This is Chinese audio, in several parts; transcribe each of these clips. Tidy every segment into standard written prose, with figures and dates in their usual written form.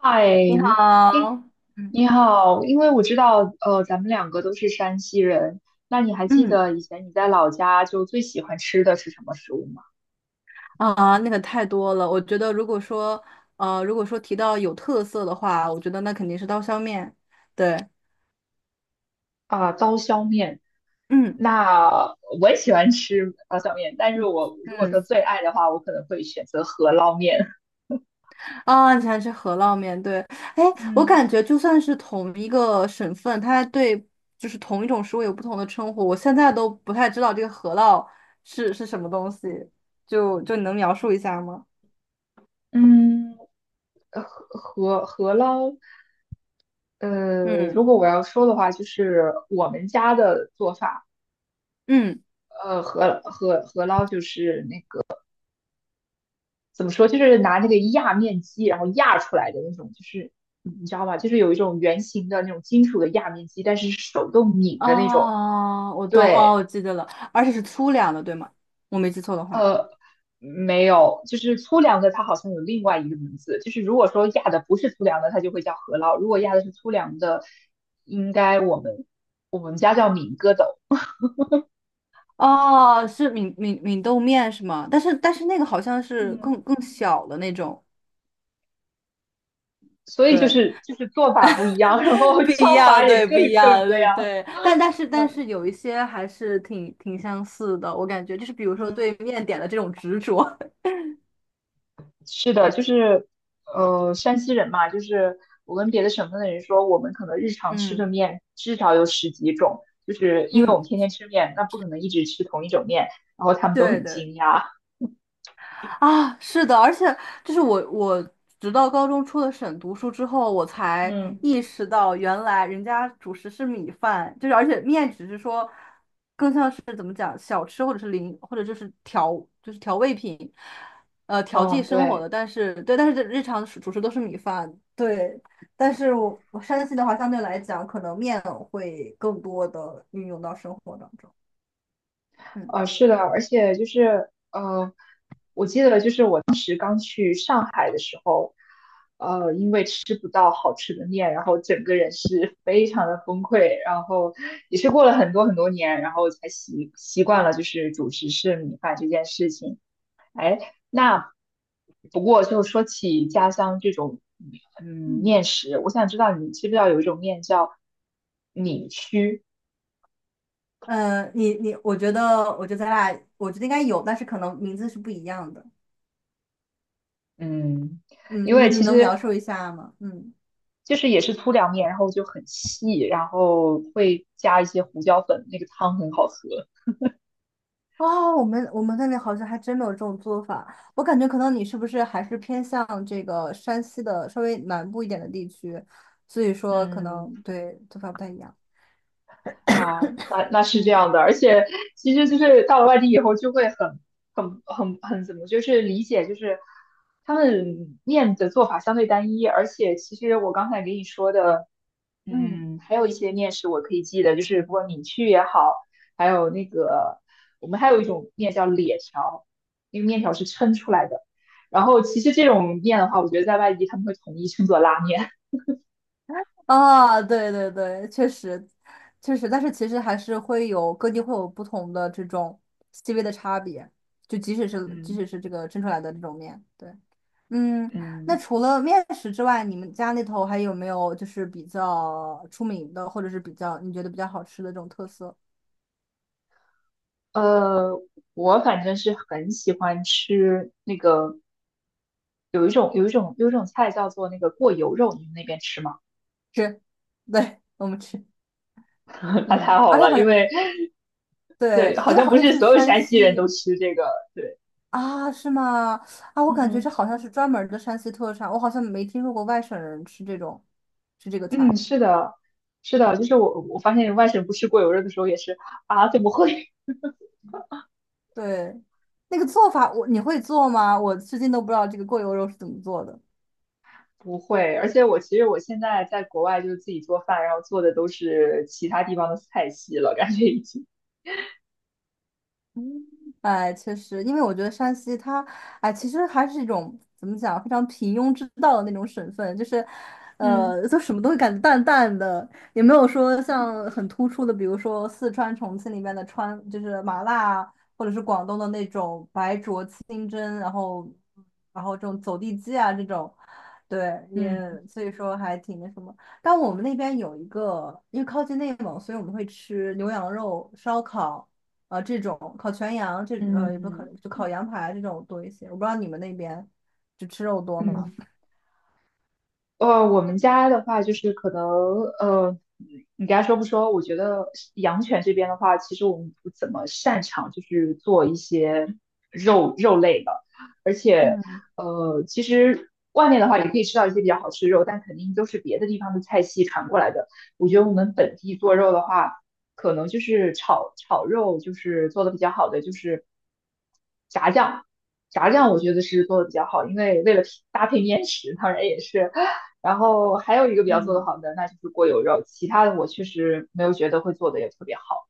嗨，你你好，嗯你好因为我知道，咱们两个都是山西人，那你还记嗯得以前你在老家就最喜欢吃的是什么食物吗？啊，那个太多了。我觉得如果说提到有特色的话，我觉得那肯定是刀削面。对，啊，刀削面。嗯那我也喜欢吃刀削面，但是嗯我如果说嗯最爱的话，我可能会选择饸饹面。啊，你喜欢吃饸烙面？对，哎，我嗯感觉就算是同一个省份，它对就是同一种食物有不同的称呼。我现在都不太知道这个饸烙是什么东西，就你能描述一下吗？嗯，呃饸饸饸饹，呃，嗯如果我要说的话，就是我们家的做法，嗯饸饹就是那怎么说，就是拿那个压面机，然后压出来的那种，就是你知道吧，就是有一种圆形的那种金属的压面机，但是手动拧的那种。哦，我懂，哦，对，我记得了，而且是粗粮的，对吗？我没记错的话，没有，就是粗粮的，它好像有另外一个名字，就是如果说压的不是粗粮的，它就会叫饸烙；如果压的是粗粮的，应该我们我们家叫敏疙斗。哦，是闽豆面是吗？但是那个好像是更嗯，更小的那种，所以就对，是就是做法不一样，然后 不一叫法样，也对，不一各样，种各对样。对，但但是但嗯。是有一些还是挺相似的，我感觉就是比如说对嗯，面点的这种执着，是的，就是山西人嘛，就是我跟别的省份的人说，我们可能日 常吃的嗯面至少有十几种，就是因为我嗯，们天天吃面，那不可能一直吃同一种面，然后他们都对很对。惊讶。啊，是的，而且就是我直到高中出了省读书之后，我才嗯意识到，原来人家主食是米饭，就是而且面只是说，更像是怎么讲，小吃或者是零，或者就是调，就是调味品，调剂嗯，生活对。的。但是对，但是日常主食都是米饭，对。但是我山西的话，相对来讲，可能面会更多的运用到生活当中。嗯。是的，而且我记得就是我当时刚去上海的时候，因为吃不到好吃的面，然后整个人是非常的崩溃，然后也是过了很多很多年，然后才习惯了就是主食是米饭这件事情。哎，那不过就说起家乡这种嗯嗯。面食，我想知道你知不知道有一种面叫米须，嗯，你，我觉得，咱俩，我觉得应该有，但是可能名字是不一样的。嗯。嗯，因你为你其能实描述一下吗？嗯，就是也是粗粮面，然后就很细，然后会加一些胡椒粉，那个汤很好喝。哦，我们那边好像还真没有这种做法。我感觉可能你是不是还是偏向这个山西的稍微南部一点的地区，所以说可能嗯，对做法不太一样。啊，那那是这嗯样的，而且其实就是到了外地以后，就会很怎么，就是理解，就是他们面的做法相对单一，而且其实我刚才给你说的，嗯，嗯，还有一些面食我可以记得，就是不管米剧也好，还有那个我们还有一种面叫咧条，那个面条是抻出来的，然后其实这种面的话，我觉得在外地他们会统一称作拉面，啊，对对对，确实确实，但是其实还是会有各地会有不同的这种细微的差别，就即使 是即嗯使是这个蒸出来的这种面，对。嗯，那嗯。除了面食之外，你们家那头还有没有就是比较出名的，或者是比较你觉得比较好吃的这种特色？呃，我反正是很喜欢吃那个，有一种菜叫做那个过油肉，你们那边吃吗？吃，对，我们吃，它嗯，太好而且了，好因像为对，对，好因为像好不像是是所有山山西人都西吃这个。对，啊，是吗？啊，我感觉这嗯，好像是专门儿的山西特产，我好像没听说过外省人吃这个菜。嗯，是的，是的，就是我发现外省不吃过油肉的时候也是啊，怎么会？对，那个做法你会做吗？我至今都不知道这个过油肉是怎么做的。不会，而且我其实我现在在国外就是自己做饭，然后做的都是其他地方的菜系了，感觉已经。嗯，哎，确实，因为我觉得山西它，哎，其实还是一种怎么讲，非常平庸之道的那种省份，就是，嗯就什么都会感觉淡淡的，也没有说像很突出的，比如说四川、重庆里面的川，就是麻辣啊，或者是广东的那种白灼清蒸，然后这种走地鸡啊这种，对，也嗯所以说还挺那什么。但我们那边有一个，因为靠近内蒙，所以我们会吃牛羊肉烧烤。这种烤全羊也不烤嗯就烤羊排这种多一些。我不知道你们那边就吃肉多嗯，吗？嗯，我们家的话就是可能，呃，你该说不说？我觉得养犬这边的话，其实我们不怎么擅长，就是做一些肉类的，而且，嗯其实外面的话也可以吃到一些比较好吃的肉，但肯定都是别的地方的菜系传过来的。我觉得我们本地做肉的话，可能就是炒肉，就是做的比较好的，就是炸酱。炸酱我觉得是做的比较好，因为为了搭配面食，当然也是然后还有一个比较做得嗯，好的，那就是过油肉，其他的我确实没有觉得会做的也特别好。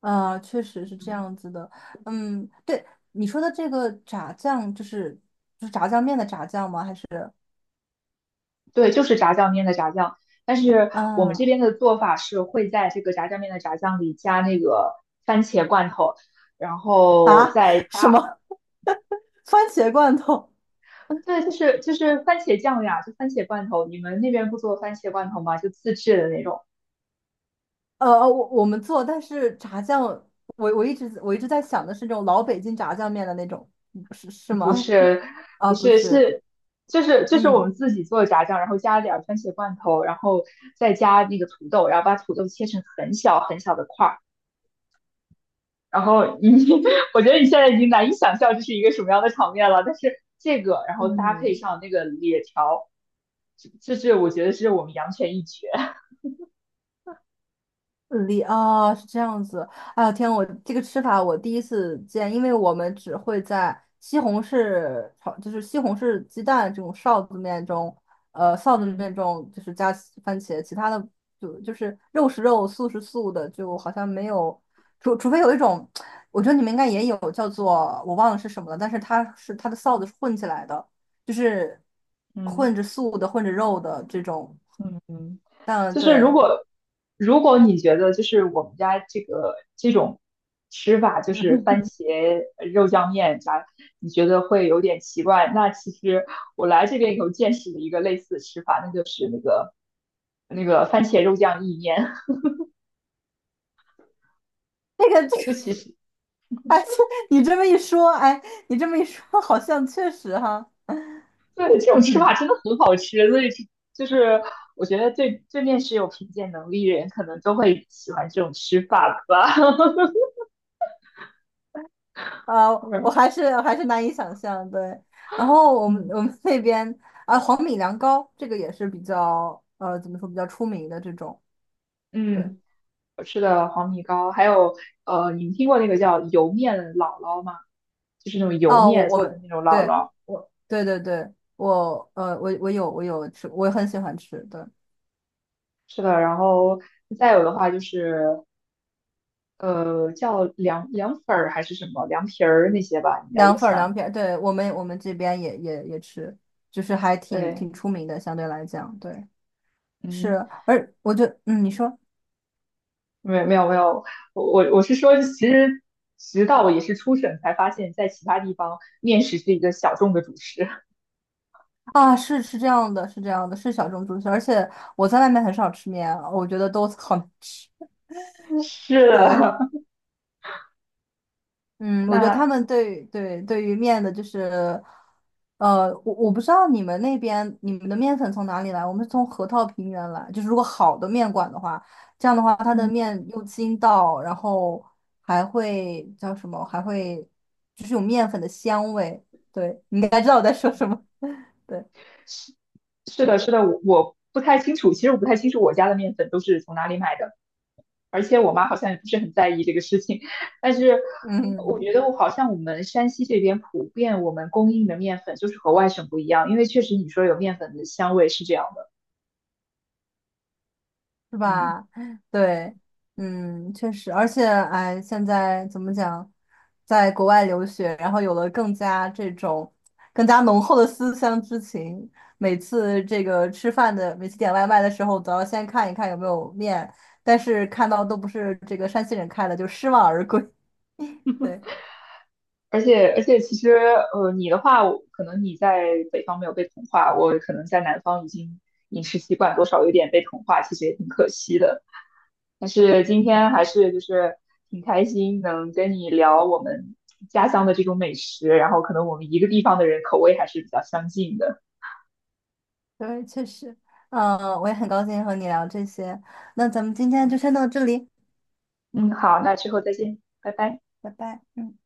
啊，确实是这嗯，样子的。嗯，对，你说的这个炸酱，就是炸酱面的炸酱吗？还是对，就是炸酱面的炸酱，但是我们这啊边的做法是会在这个炸酱面的炸酱里加那个番茄罐头，然后啊 再 加，什么番茄罐头？对，就是番茄酱呀，就番茄罐头。你们那边不做番茄罐头吗？就自制的那种。我们做，但是炸酱，我一直在想的是那种老北京炸酱面的那种，是不吗？是，啊，不不是，是，是，就是我们嗯。自己做的炸酱，然后加了点儿番茄罐头，然后再加那个土豆，然后把土豆切成很小很小的块儿。然后你，我觉得你现在已经难以想象这是一个什么样的场面了。但是这个，然后搭配嗯上那个野条，这是我觉得是我们阳泉一绝。里啊是这样子。哎呦天，我这个吃法我第一次见，因为我们只会在西红柿炒，就是西红柿鸡蛋这种臊子面中，臊子嗯面中就是加西番茄，其他的就是肉是肉，素是素的，就好像没有，除非有一种，我觉得你们应该也有叫做我忘了是什么了，但是它是它的臊子是混起来的，就是嗯。混着素的，混着肉的这种。嗯，嗯，就是对。如果你觉得就是我们家这个这种吃法，就是番 茄肉酱面啥，你觉得会有点奇怪，那其实我来这边以后见识了一个类似的吃法，那就是那个番茄肉酱意面，这个这个 就其实哎，这你这么一说，哎，你这么一说，好像确实哈，对这种 吃法真的很好吃，所以就就是我觉得对面食有品鉴能力的人，可能都会喜欢这种吃法吧。啊，我嗯还是我还是难以想象。对，然后我们嗯。我们那边啊，黄米凉糕这个也是比较怎么说比较出名的这种。对，嗯。我吃的黄米糕，还有你们听过那个叫油面姥姥吗？就是那种油哦，面我做的们那种姥对姥，对对对，我有吃，我很喜欢吃。对，是的。然后再有的话就是叫凉粉儿还是什么凉皮儿那些吧，应该凉也粉儿凉算。皮儿，对我们这边也吃，就是还挺对，挺出名的，相对来讲，对，是，嗯，而我就嗯，你说。没有，我是说，其实直到我也是出省才发现，在其他地方面食是一个小众的主食。啊，是这样的，是这样的，是小众猪蹄，而且我在外面很少吃面，我觉得都好难吃。是对，的，嗯，那我觉得他们对于面的，就是，我不知道你们那边你们的面粉从哪里来，我们是从河套平原来，就是如果好的面馆的话，这样的话它的嗯。面又筋道，然后还会叫什么，还会就是有面粉的香味。对，你应该知道我在说什么。对，是的，是的，我不太清楚，其实我不太清楚我家的面粉都是从哪里买的，而且我妈好像也不是很在意这个事情，但是我嗯。觉得我好像我们山西这边普遍我们供应的面粉就是和外省不一样，因为确实你说有面粉的香味是这样的，是嗯，吧？对，嗯，确实，而且，哎，现在怎么讲，在国外留学，然后有了更加浓厚的思乡之情。每次这个吃饭的，每次点外卖的时候，都要先看一看有没有面，但是看到都不是这个山西人开的，就失望而归。对，而且其实你的话，我可能你在北方没有被同化，我可能在南方已经饮食习惯多少有点被同化，其实也挺可惜的。但是今天还是就是挺开心能跟你聊我们家乡的这种美食，然后可能我们一个地方的人口味还是比较相近的。对，确实，嗯，我也很高兴和你聊这些。那咱们今天就先到这里，嗯，好，那之后再见，拜拜。拜拜。嗯。